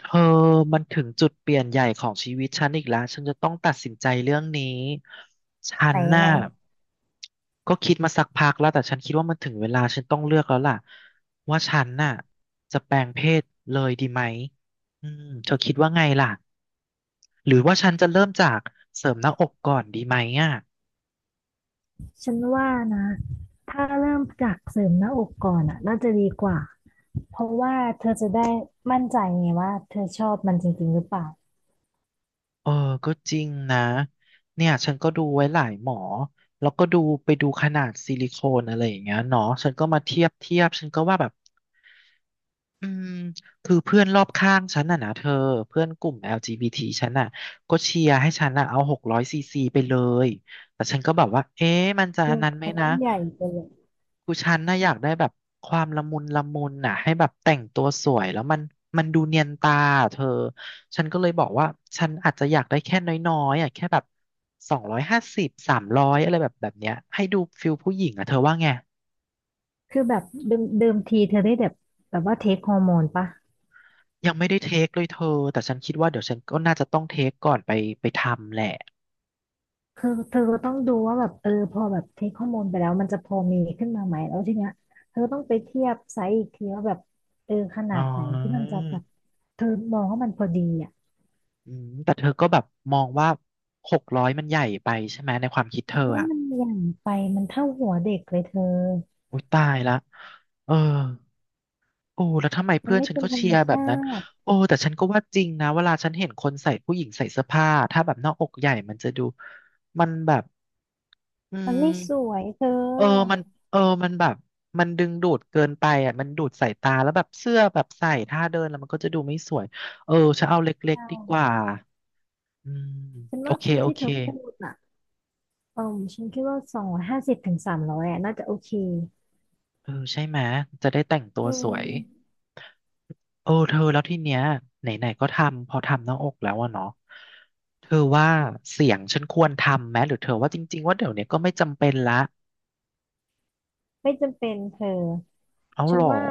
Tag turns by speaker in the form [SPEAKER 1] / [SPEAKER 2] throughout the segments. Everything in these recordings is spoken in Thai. [SPEAKER 1] เธอมันถึงจุดเปลี่ยนใหญ่ของชีวิตฉันอีกแล้ว ฉันจะต้องตัดสินใจเรื่องนี้ ฉั
[SPEAKER 2] ไหน
[SPEAKER 1] น
[SPEAKER 2] ยัง
[SPEAKER 1] น่ะ
[SPEAKER 2] ไง
[SPEAKER 1] ก็คิดมาสักพักแล้วแต่ฉันคิดว่ามันถึงเวลาฉันต้องเลือกแล้วล่ะว่าฉันน่ะจะแปลงเพศเลยดีไหมอืมเธอคิดว่าไงล่ะ หรือว่าฉันจะเริ่มจากเสริมหน้าอกก่อนดีไหมอ่ะ
[SPEAKER 2] ฉันว่านะ ถ้าเริ่มจากเสริมหน้าอกก่อนอ่ะน่าจะดีกว่า เพราะว่าเธอจะได้มั่นใจไงว่าเธอชอบมันจริงๆหรือเปล่า
[SPEAKER 1] เออก็จริงนะเนี่ยฉันก็ดูไว้หลายหมอแล้วก็ดูไปดูขนาดซิลิโคนอะไรอย่างเงี้ยเนาะฉันก็มาเทียบเทียบฉันก็ว่าแบบ อืมคือเพื่อนรอบข้างฉันน่ะนะเธอเพื่อนกลุ่ม LGBT ฉันน่ะก็เชียร์ให้ฉันน่ะเอา600 ซีซีไปเลยแต่ฉันก็แบบว่าเอ๊ะมันจะ
[SPEAKER 2] คื
[SPEAKER 1] อัน
[SPEAKER 2] อ
[SPEAKER 1] นั้นไหม
[SPEAKER 2] มัน
[SPEAKER 1] นะ
[SPEAKER 2] ไม่ใหญ่ไปเลย
[SPEAKER 1] คือฉันน่ะอยากได้แบบความละมุนละมุนน่ะให้แบบแต่งตัวสวยแล้วมันมันดูเนียนตาอะเธอฉันก็เลยบอกว่าฉันอาจจะอยากได้แค่น้อยๆอ่ะแค่แบบ250 300อะไรแบบเนี้ยให้ดูฟิลผู้หญิงอ่ะเธอว่าไง
[SPEAKER 2] คือแบบเดิมเดิมทีเธอได้แบบแบบว่าเทคฮอร์โมนปะ
[SPEAKER 1] ยังไม่ได้เทคเลยเธอ แต่ฉันคิดว่าเดี๋ยวฉันก็น่าจะต้องเทคก่อนไปทำแหละ
[SPEAKER 2] คือเธอก็ต้องดูว่าแบบเออพอแบบเทคฮอร์โมนไปแล้วมันจะพอมีขึ้นมาไหมแล้วทีเนี้ยเธอต้องไปเทียบไซส์อีกทีว่าแบบเออข
[SPEAKER 1] อ๋
[SPEAKER 2] นา
[SPEAKER 1] อ
[SPEAKER 2] ดไหนที่มันจะแบบเธอมองว่ามันพอดีอ่ะ
[SPEAKER 1] อืมแต่เธอก็แบบมองว่าหกร้อยมันใหญ่ไปใช่ไหมในความคิด
[SPEAKER 2] เพ
[SPEAKER 1] เธอ
[SPEAKER 2] ราะว่า
[SPEAKER 1] อ่ะ
[SPEAKER 2] มันใหญ่ไปมันเท่าหัวเด็กเลยเธอ
[SPEAKER 1] อุ้ยตายละเออโอ้แล้วทำไม
[SPEAKER 2] มั
[SPEAKER 1] เพื่
[SPEAKER 2] น
[SPEAKER 1] อน
[SPEAKER 2] ไม่
[SPEAKER 1] ฉัน
[SPEAKER 2] เป็น
[SPEAKER 1] ก็
[SPEAKER 2] ธร
[SPEAKER 1] เชี
[SPEAKER 2] รม
[SPEAKER 1] ยร์แบบ
[SPEAKER 2] ชา
[SPEAKER 1] นั้น
[SPEAKER 2] ติ
[SPEAKER 1] โอ้แต่ฉันก็ว่าจริงนะเวลาฉันเห็นคนใส่ผู้หญิงใส่เสื้อผ้าถ้าแบบหน้าอกใหญ่มันจะดูมันแบบอื
[SPEAKER 2] มัน
[SPEAKER 1] ม
[SPEAKER 2] ไม่สวยเธ
[SPEAKER 1] เออ
[SPEAKER 2] อ
[SPEAKER 1] มันเออมันแบบ มันดึงดูดเกินไปอ่ะมันดูดสายตา แล้วแบบเสื้อแบบใส่ท่าเดินแล้วมันก็จะดูไม่สวย เออจะเอาเล็ก
[SPEAKER 2] ใช่
[SPEAKER 1] ๆดีกว่าอืม
[SPEAKER 2] ฉัน
[SPEAKER 1] โอ
[SPEAKER 2] ว่า
[SPEAKER 1] เคโอ
[SPEAKER 2] ที่
[SPEAKER 1] เค
[SPEAKER 2] เธอพูดอ่ะเออฉันคิดว่า250 ถึง 300อ่ะน่าจะโอเค
[SPEAKER 1] เออใช่ไหม จะได้แต่งตัว
[SPEAKER 2] อื
[SPEAKER 1] สวย
[SPEAKER 2] ม
[SPEAKER 1] เออเธอแล้วที่เนี้ยไหนๆก็ทำ พอทำหน้าอกแล้วอะเนาะเธอว่าเสียงฉันควรทำไหม หรือเธอว่าจริงๆว่าเดี๋ยวเนี้ยก็ไม่จำเป็นละ
[SPEAKER 2] ไม่จำเป็นเธอ
[SPEAKER 1] เอา
[SPEAKER 2] ฉั
[SPEAKER 1] หร
[SPEAKER 2] น
[SPEAKER 1] อ
[SPEAKER 2] ว่า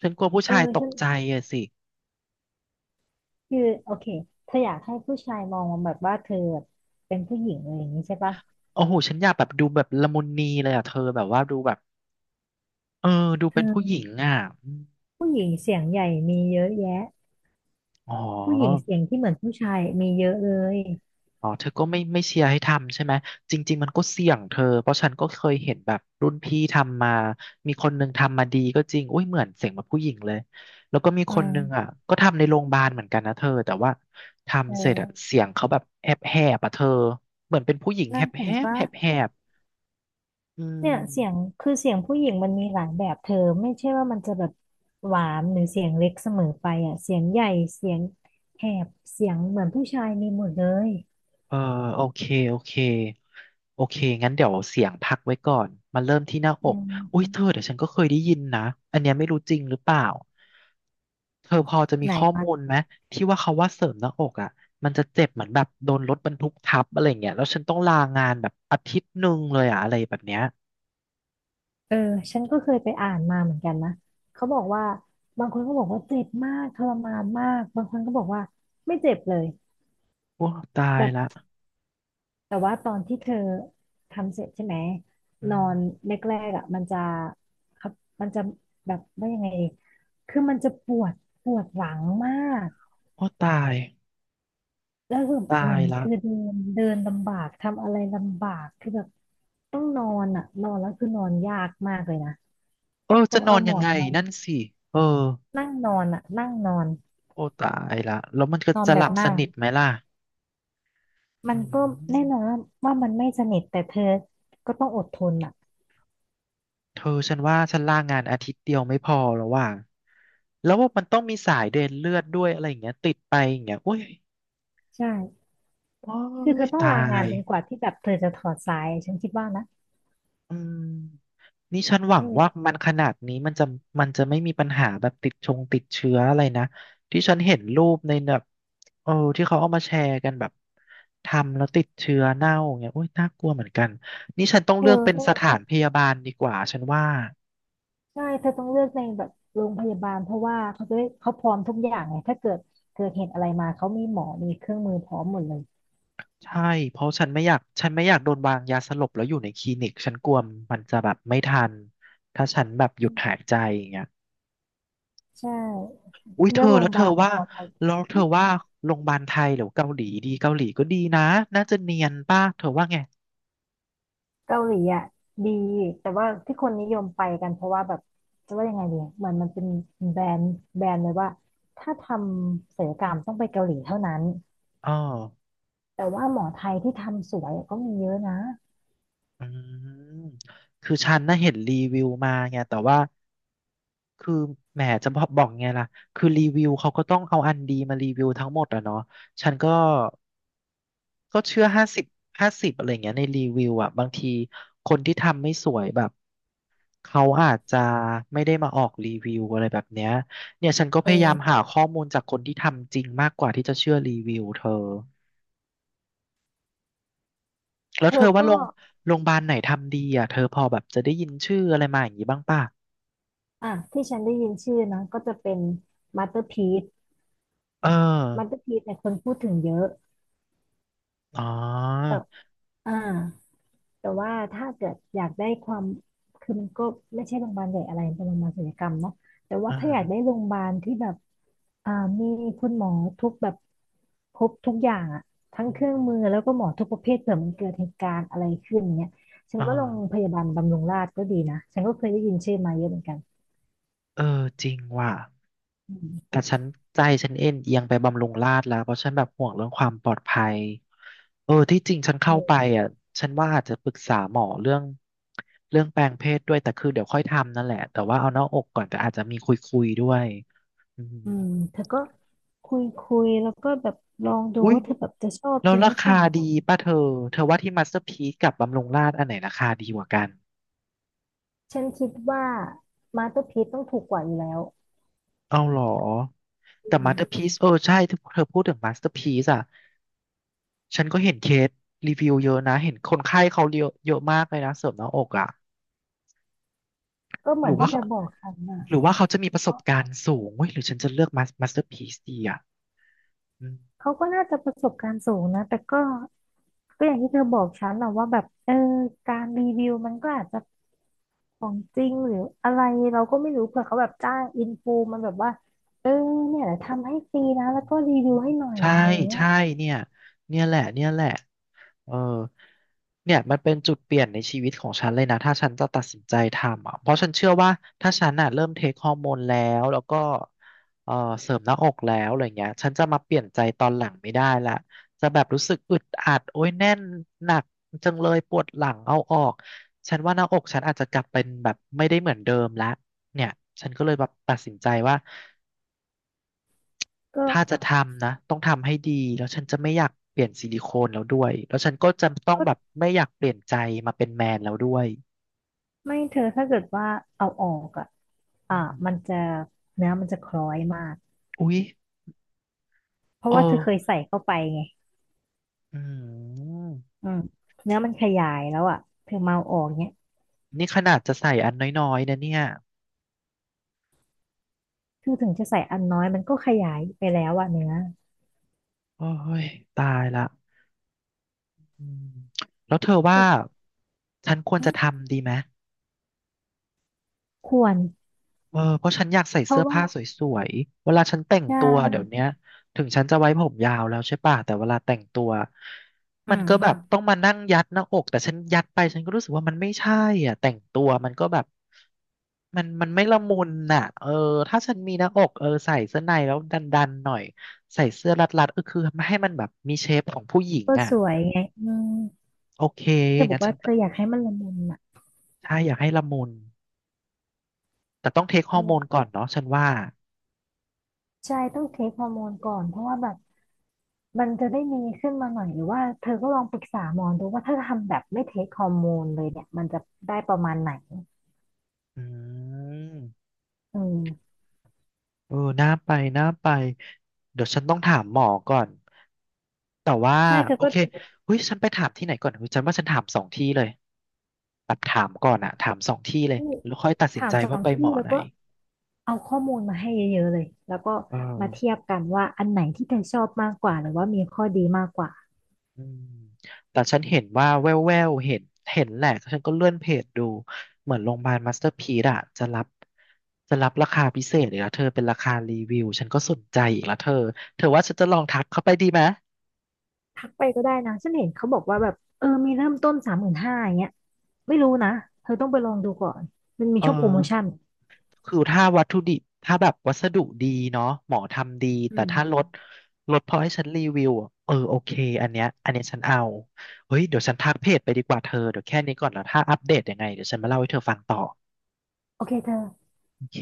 [SPEAKER 1] ฉันกลัวผู้
[SPEAKER 2] เออ
[SPEAKER 1] ชายต
[SPEAKER 2] ฉั
[SPEAKER 1] ก
[SPEAKER 2] น
[SPEAKER 1] ใจอะสิ
[SPEAKER 2] คือโอเคเธออยากให้ผู้ชายมองแบบว่าเธอเป็นผู้หญิงอะไรอย่างนี้ใช่ปะ
[SPEAKER 1] โอ้โหฉันอยากแบบดูแบบละมุนนีเลยอะเธอแบบว่าดูแบบ เออดู
[SPEAKER 2] เธ
[SPEAKER 1] เป็นผู้ห
[SPEAKER 2] อ
[SPEAKER 1] ญิงอ่ะอม
[SPEAKER 2] ผู้หญิงเสียงใหญ่มีเยอะแยะ
[SPEAKER 1] อ๋
[SPEAKER 2] ผู้หญิง
[SPEAKER 1] อ
[SPEAKER 2] เสียงที่เหมือนผู้ชายมีเยอะเลย
[SPEAKER 1] อ๋อเธอก็ไม่เชียร์ให้ทำใช่ไหมจริงๆมันก็เสี่ยงเธอ เพราะฉันก็เคยเห็นแบบรุ่นพี่ทำมามีคนหนึ่งทำมาดีก็จริงอุ้ยเหมือนเสียงแบบผู้หญิงเลยแล้วก็มี
[SPEAKER 2] อื
[SPEAKER 1] คนหนึ่ง
[SPEAKER 2] ม
[SPEAKER 1] อ่ะก็ทำในโรงพยาบาลเหมือนกันนะเธอแต่ว่า
[SPEAKER 2] เ
[SPEAKER 1] ทำเสร็จอ่ะ
[SPEAKER 2] ออ
[SPEAKER 1] เสียงเขาแบบแหบแหบอ่ะเธอเหมือนเป็นผู้หญิง
[SPEAKER 2] น่า
[SPEAKER 1] แหบแห
[SPEAKER 2] เห็น
[SPEAKER 1] บ
[SPEAKER 2] ปะ
[SPEAKER 1] แหบแหบอื
[SPEAKER 2] เนี่ยเสียง
[SPEAKER 1] ม
[SPEAKER 2] คือเสียงผู้หญิงมันมีหลายแบบเธอไม่ใช่ว่ามันจะแบบหวานหรือเสียงเล็กเสมอไปอ่ะเสียงใหญ่เสียงแหบเสียงเหมือนผู้ชายมีหมดเลย
[SPEAKER 1] เออโอเคโอเคโอเคงั้นเดี๋ยวเสียงพักไว้ก่อนมาเริ่มที่หน้าอ
[SPEAKER 2] อื
[SPEAKER 1] ก
[SPEAKER 2] ม
[SPEAKER 1] อุ้ยเธอเดี๋ยวฉันก็เคยได้ยินนะอันเนี้ยไม่รู้จริงหรือเปล่าเธอพอจะมี
[SPEAKER 2] ไหน
[SPEAKER 1] ข้อ
[SPEAKER 2] วะ
[SPEAKER 1] มูลไหมที่ว่าเขาว่าเสริมหน้าอกอ่ะมันจะเจ็บเหมือนแบบโดนรถบรรทุกทับอะไรเงี้ยแล้วฉันต้องลางานแบบ1 อาทิตย์เลยอะอะไรแบบเนี้ย
[SPEAKER 2] เออฉันก็เคยไปอ่านมาเหมือนกันนะเขาบอกว่าบางคนก็บอกว่าเจ็บมากทรมานมากบางคนก็บอกว่าไม่เจ็บเลย
[SPEAKER 1] โอ้ตาย
[SPEAKER 2] แบ
[SPEAKER 1] ละ
[SPEAKER 2] บ แต่ว่าตอนที่เธอทำเสร็จใช่ไหม
[SPEAKER 1] อื
[SPEAKER 2] นอ
[SPEAKER 1] ม
[SPEAKER 2] นแรกๆอ่ะมันจะครับมันจะแบบว่ายังไงดีคือมันจะปวดปวดหลังมาก
[SPEAKER 1] โอ้ตาย
[SPEAKER 2] แล้วคือ
[SPEAKER 1] ตา
[SPEAKER 2] เหมือ
[SPEAKER 1] ย
[SPEAKER 2] น
[SPEAKER 1] ละ
[SPEAKER 2] คือเดินเดินลำบากทำอะไรลำบากคือแบบต้องนอนอ่ะนอนแล้วคือนอนยากมากเลยนะ
[SPEAKER 1] เออ
[SPEAKER 2] ต้
[SPEAKER 1] จะ
[SPEAKER 2] อง
[SPEAKER 1] นอ
[SPEAKER 2] เอา
[SPEAKER 1] น
[SPEAKER 2] หม
[SPEAKER 1] ยั
[SPEAKER 2] อ
[SPEAKER 1] ง
[SPEAKER 2] น
[SPEAKER 1] ไง
[SPEAKER 2] มา
[SPEAKER 1] นั่นสิเออ
[SPEAKER 2] นั่งนอนอ่ะนั่งนอน
[SPEAKER 1] โอ้ตายละแล้วมันก็
[SPEAKER 2] นอน
[SPEAKER 1] จะ
[SPEAKER 2] แบ
[SPEAKER 1] หลั
[SPEAKER 2] บ
[SPEAKER 1] บส
[SPEAKER 2] นั่ง
[SPEAKER 1] นิทไหมล่ะ
[SPEAKER 2] มั
[SPEAKER 1] อื
[SPEAKER 2] นก็
[SPEAKER 1] ม
[SPEAKER 2] แน่นอนว่าว่ามันไม่สนิทแต่เธอก็ต้องอดทนอ่ะ
[SPEAKER 1] เธอฉันว่าฉันลางานอาทิตย์เดียวไม่พอแล้วว่ะ แล้วว่ามันต้องมีสายเดินเลือดด้วยอะไรอย่างเงี้ยติดไปอย่างเงี้ยโอ้ย
[SPEAKER 2] ใช่
[SPEAKER 1] โอ้
[SPEAKER 2] คือเธ
[SPEAKER 1] ย
[SPEAKER 2] อต้อง
[SPEAKER 1] ตา
[SPEAKER 2] ลางาน
[SPEAKER 1] ย
[SPEAKER 2] จนกว่าที่แบบเธอจะถอดสายฉันคิดว่านะ
[SPEAKER 1] อืมนี่ฉันหวังว่า
[SPEAKER 2] เออ
[SPEAKER 1] มันขนาดนี้มันจะมันจะไม่มีปัญหาแบบติดชงติดเชื้ออะไรนะที่ฉันเห็นรูปในแบบเออที่เขาเอามาแชร์กันแบบทำแล้วติดเชื้อเน่าอย่างเงี้ยโอ้ยน่ากลัวเหมือนกันนี่ฉันต้อง
[SPEAKER 2] เธ
[SPEAKER 1] เลื
[SPEAKER 2] อ
[SPEAKER 1] อกเป็น
[SPEAKER 2] ต้อง
[SPEAKER 1] สถานพยาบาลดีกว่าฉันว่า
[SPEAKER 2] ใช่เธอต้องเลือกในแบบโรงพยาบาลเพราะว่าเขาจะได้เขาพร้อมทุกอย่างไงถ้าเกิดเหตุอะไรมาเขามีหมอมีเครื่องมือพร้อมหมดเลย
[SPEAKER 1] ใช่เพราะฉันไม่อยากฉันไม่อยากโดนวางยาสลบแล้วอยู่ในคลินิกฉันกลัวมันจะแบบไม่ทันถ้าฉันแบบหยุดหายใจอย่างเงี้ย
[SPEAKER 2] ใช่
[SPEAKER 1] อุ้ยเธ
[SPEAKER 2] เลือ
[SPEAKER 1] อ
[SPEAKER 2] กโร
[SPEAKER 1] แล้
[SPEAKER 2] ง
[SPEAKER 1] ว
[SPEAKER 2] พยา
[SPEAKER 1] เธอ
[SPEAKER 2] บาลแบบ
[SPEAKER 1] ว่า
[SPEAKER 2] ปลอดภัย
[SPEAKER 1] แล้วเธ
[SPEAKER 2] หึ
[SPEAKER 1] อว่าโรงพยาบาลไทยหรือเกาหลีดีเกาหลีก็ดีนะน่าจะเนียนป่ะเธอว่าไง
[SPEAKER 2] เกาหลีอ่ะดีแต่ว่าที่คนนิยมไปกันเพราะว่าแบบจะว่ายังไงดีอะเหมือนมันเป็นแบรนด์แบรนด์เลยว่าถ้าทำศัลยกรรมต้องไปเกาหลีเท่านั้น
[SPEAKER 1] อ๋อ
[SPEAKER 2] แต่ว่าหมอไทยที่ทำสวยก็มีเยอะนะ
[SPEAKER 1] อืมคือฉันน่ะเห็นรีวิวมาไงแต่ว่าคือแหมจะบอกไงล่ะคือรีวิวเขาก็ต้องเอาอันดีมารีวิวทั้งหมดอะเนาะฉันก็ ก็เชื่อ50/50อะไรเงี้ยในรีวิวอ่ะบางทีคนที่ทำไม่สวยแบบเขาอาจจะไม่ได้มาออกรีวิวอะไรแบบเนี้ยเนี่ยฉันก็
[SPEAKER 2] เอ
[SPEAKER 1] พยายาม
[SPEAKER 2] อ
[SPEAKER 1] หาข้อมูลจากคนที่ทำจริงมากกว่าที่จะเชื่อรีวิวเธอแล้ว
[SPEAKER 2] เธ
[SPEAKER 1] เธ
[SPEAKER 2] อ
[SPEAKER 1] อว่าโร
[SPEAKER 2] ก็
[SPEAKER 1] งโรงพยาบาลไหนทำดีอ่ะเธอพอแบบจะได้ยินชื่ออะไรมาอย่างนี้บ้างป่ะ
[SPEAKER 2] อ่ะที่ฉันได้ยินชื่อนะก็จะเป็นมาสเตอร์พี e
[SPEAKER 1] เออ
[SPEAKER 2] มาสเตอร์พี e เนี่ยคนพูดถึงเยอะ
[SPEAKER 1] อ๋อ
[SPEAKER 2] แต่อ่าแต่ว่าถ้าเกิดอยากได้ความคือมันก็ไม่ใช่โรงพยาบาลใหญ่อะไรเป็นโรงพยาบาลศัลยกรรมเนาะแต่
[SPEAKER 1] อ
[SPEAKER 2] ว่าถ้าอยากได้
[SPEAKER 1] ่า
[SPEAKER 2] โรงพยาบาลที่แบบอ่ามีคุณหมอทุกแบบครบทุกอย่างอะทั้งเครื่องมือแล้วก็หมอทุกประเภทเผื่อมันเกิดเหตุการณ์อะไรขึ้นเนี่ยฉัน
[SPEAKER 1] อ่
[SPEAKER 2] ว่าโรงพ
[SPEAKER 1] า
[SPEAKER 2] ยาบาลบำรุงราษฎร์ก็ดีนะฉันก็เคยได้ยินชื่อมาเยอะเหมือนกัน
[SPEAKER 1] เออจริงว่ะ
[SPEAKER 2] อืม
[SPEAKER 1] แต่ฉันใจฉันเอ็นเอียงไปบำรุงราษฎร์แล้วเพราะฉันแบบห่วงเรื่องความปลอดภัยเออที่จริงฉันเข้าไป
[SPEAKER 2] เออ
[SPEAKER 1] อ่ะฉันว่าอาจจะปรึกษาหมอเรื่องแปลงเพศด้วยแต่คือเดี๋ยวค่อยทำนั่นแหละแต่ว่าเอาหน้าอกก่อนแต่อาจจะมีคุยด้วยอืม
[SPEAKER 2] อืมเธอก็คุยคุยแล้วก็แบบลองดู
[SPEAKER 1] อุ้ย
[SPEAKER 2] ว่าเธอแบบจะชอบ
[SPEAKER 1] แล้
[SPEAKER 2] จ
[SPEAKER 1] ว
[SPEAKER 2] ริง
[SPEAKER 1] รา
[SPEAKER 2] หรือเป
[SPEAKER 1] คา
[SPEAKER 2] ล่า
[SPEAKER 1] ดีป่ะเธอเธอว่าที่มาสเตอร์พีซกับบำรุงราษฎร์อันไหนราคาดีกว่ากัน
[SPEAKER 2] ฉันคิดว่ามาสเตอร์พีซต้องถูกกว่าอยู่แล้ว
[SPEAKER 1] เอาเหรอ
[SPEAKER 2] อื
[SPEAKER 1] แต่
[SPEAKER 2] ม
[SPEAKER 1] มาสเตอร์พีซเออใช่เธอพูดถึงมาสเตอร์พีซอ่ะ ฉันก็เห็นเคสรีวิวเยอะนะ เห็นคนไข้เขาเยอะเยอะมากเลยนะเสริมหน้าอกอ่ะ
[SPEAKER 2] ก็เห
[SPEAKER 1] ห
[SPEAKER 2] มื
[SPEAKER 1] รื
[SPEAKER 2] อน
[SPEAKER 1] อว่า
[SPEAKER 2] ที่เธ
[SPEAKER 1] เขา
[SPEAKER 2] อบอกฉันนะ
[SPEAKER 1] หรือว่าเขาจะมีประส
[SPEAKER 2] ก็
[SPEAKER 1] บการณ์สูงเว้ยหรือฉันจะเลือกมาสเตอร์พีซดีอ่ะ
[SPEAKER 2] เขาก็น่าจะประสบการณ์สูงนะแต่ก็ก็อย่างที่เธอบอกฉันนะว่าแบบเออการรีวิวมันก็อาจจะของจริงหรืออะไรเราก็ไม่รู้เผื่อเขาแบบจ้างอินฟูมันแบบว่าเออเนี่ยทำให้ฟรีนะแล้วก็รีวิวให้หน่อย
[SPEAKER 1] ใช่
[SPEAKER 2] อะไรอย่างเงี้ย
[SPEAKER 1] ใช่เนี่ยเนี่ยแหละเนี่ยแหละเออเนี่ยมันเป็นจุดเปลี่ยนในชีวิตของฉันเลยนะถ้าฉันจะตัดสินใจทำอ่ะเพราะฉันเชื่อว่าถ้าฉันอ่ะเริ่มเทคฮอร์โมนแล้วแล้วก็เออเสริมหน้าอกแล้วอะไรเงี้ยฉันจะมาเปลี่ยนใจตอนหลังไม่ได้ละจะแบบรู้สึกอึดอัดโอ้ยแน่นหนักจังเลยปวดหลังเอาออกฉันว่าหน้าอกฉันอาจจะกลับเป็นแบบไม่ได้เหมือนเดิมละเนี่ยฉันก็เลยแบบตัดสินใจว่า
[SPEAKER 2] ก็
[SPEAKER 1] ถ้าจะทำนะต้องทำให้ดีแล้วฉันจะไม่อยากเปลี่ยนซิลิโคนแล้วด้วยแล้วฉันก็จะต้อง
[SPEAKER 2] ก็
[SPEAKER 1] แบบไม่อยากเปลี่ยนใจมาเป็นแมนแล้วด้วย
[SPEAKER 2] ไม่เธอถ้าเกิดว่าเอาออกอ่ะ
[SPEAKER 1] อื
[SPEAKER 2] อ่า
[SPEAKER 1] ม
[SPEAKER 2] มันจะเนื้อมันจะคล้อยมาก
[SPEAKER 1] อุ๊ย
[SPEAKER 2] เพราะ
[SPEAKER 1] เออ
[SPEAKER 2] ว่าเธอเคยใส่เข้าไปไง
[SPEAKER 1] อืม
[SPEAKER 2] อืมเนื้อมันขยายแล้วอ่ะเธอเมาเอาออกเนี้ย
[SPEAKER 1] นี่ขนาดจะใส่อันน้อยๆนะเนี่ย
[SPEAKER 2] คือถึงจะใส่อันน้อยมันก็ขยายไปแล้วอ่ะเนื้อ
[SPEAKER 1] โอ้ยตายละอืมแล้วเธอว่า
[SPEAKER 2] แต่
[SPEAKER 1] ฉันควรจะทำดีไหม
[SPEAKER 2] ควร
[SPEAKER 1] เออเพราะฉันอยากใส่
[SPEAKER 2] เพ
[SPEAKER 1] เสื้
[SPEAKER 2] ราะ
[SPEAKER 1] อ
[SPEAKER 2] ว่า
[SPEAKER 1] ผ้าสวยๆเวลาฉันแต่ง
[SPEAKER 2] ใช
[SPEAKER 1] ตัวเดี๋ย
[SPEAKER 2] ่
[SPEAKER 1] วเนี้ยถึงฉันจะไว้ผมยาวแล้วใช่ป่ะแต่เวลาแต่งตัว
[SPEAKER 2] อื
[SPEAKER 1] มันก็แบ
[SPEAKER 2] ม
[SPEAKER 1] บต้องมานั่งยัดหน้าอกแต่ฉันยัดไปฉันก็รู้สึกว่ามันไม่ใช่อ่ะแต่งตัวมันก็แบบมันไม่ละมุนน่ะเออถ้าฉันมีหน้าอกเออใส่เสื้อในแล้วดันๆหน่อยใส่เสื้อรัดๆเออคือให้มันแบบมีเชฟของผู้หญิง
[SPEAKER 2] ก็
[SPEAKER 1] อ่ะ
[SPEAKER 2] สวยไงอืม
[SPEAKER 1] โอเค
[SPEAKER 2] ที่เธอบอ
[SPEAKER 1] งั้
[SPEAKER 2] ก
[SPEAKER 1] นฉั
[SPEAKER 2] ว่า
[SPEAKER 1] น
[SPEAKER 2] เธออยากให้มันละมุนอ่ะ
[SPEAKER 1] ใช่อยากให้ละมุนแต่ต้องเทคฮอ
[SPEAKER 2] นั่
[SPEAKER 1] ร์
[SPEAKER 2] น
[SPEAKER 1] โม
[SPEAKER 2] แห
[SPEAKER 1] น
[SPEAKER 2] ละ
[SPEAKER 1] ก่อนเนาะฉันว่า
[SPEAKER 2] ใช่ต้องเทคฮอร์โมนก่อนเพราะว่าแบบ มันจะได้มีขึ้นมาหน่อยหรือว่าเธอก็ลองปรึกษาหมอดูว่าถ้าทำแบบไม่เทคฮอร์โมนเลยเนี่ยมันจะได้ประมาณไหน
[SPEAKER 1] อืม
[SPEAKER 2] อืม
[SPEAKER 1] เออน่าไป เดี๋ยวฉันต้องถามหมอก่อน แต่ว่า
[SPEAKER 2] ใช่เธอ
[SPEAKER 1] โอ
[SPEAKER 2] ก็
[SPEAKER 1] เคเฮ้ยฉันไปถามที่ไหนก่อนเฮ้ยฉันว่าฉันถามสองที่เลยแบบถามก่อนอะถามสองที่เลยแล้วค่อยตัดสิน
[SPEAKER 2] ถาม
[SPEAKER 1] ใจ
[SPEAKER 2] สอ
[SPEAKER 1] ว่า
[SPEAKER 2] ง
[SPEAKER 1] ไปหม
[SPEAKER 2] ที่
[SPEAKER 1] อ
[SPEAKER 2] แล้ว
[SPEAKER 1] ไหน
[SPEAKER 2] ก็เอาข้อมูลมาให้เยอะๆเลยแล้วก็
[SPEAKER 1] เอ
[SPEAKER 2] มาเที
[SPEAKER 1] อ
[SPEAKER 2] ยบกันว่าอันไหนที่เธอชอบมากกว่าหรือว่ามีข้อดีมากกว่า
[SPEAKER 1] อืมแต่ฉันเห็นว่าแววแววเห็นเห็นแหละฉันก็เลื่อนเพจดู เหมือนโรงพยาบาลมาสเตอร์พีซอะจะรับราคาพิเศษอีกแล้วเธอเป็นราคารีวิวฉันก็สนใจอีกแล้วเธอเธอว่าฉันจะลองทักเข้าไปดีไหม
[SPEAKER 2] ทักไปก็ได้นะฉันเห็นเขาบอกว่าแบบเออมีเริ่มต้น35,000อย่างเงี้ยไม่รู้นะเธอต้องไปลองดูก่อนมันมี
[SPEAKER 1] เออ
[SPEAKER 2] ช่วงโปรโมชั่น
[SPEAKER 1] คือถ้าวัตถุดิบถ้าแบบวัสดุดีเนาะหมอทำดี
[SPEAKER 2] อื
[SPEAKER 1] แต่ถ้าร
[SPEAKER 2] ม
[SPEAKER 1] ถรถพอให้ฉันรีวิวอะเออโอเคอันเนี้ยฉันเอาเฮ้ยเดี๋ยวฉันทักเพจไปดีกว่าเธอเดี๋ยวแค่นี้ก่อนแล้วถ้าอัปเดตยังไงเดี๋ยวฉันมาเล่าให้เธอฟังต่อ
[SPEAKER 2] โอเคเธอ
[SPEAKER 1] โอเค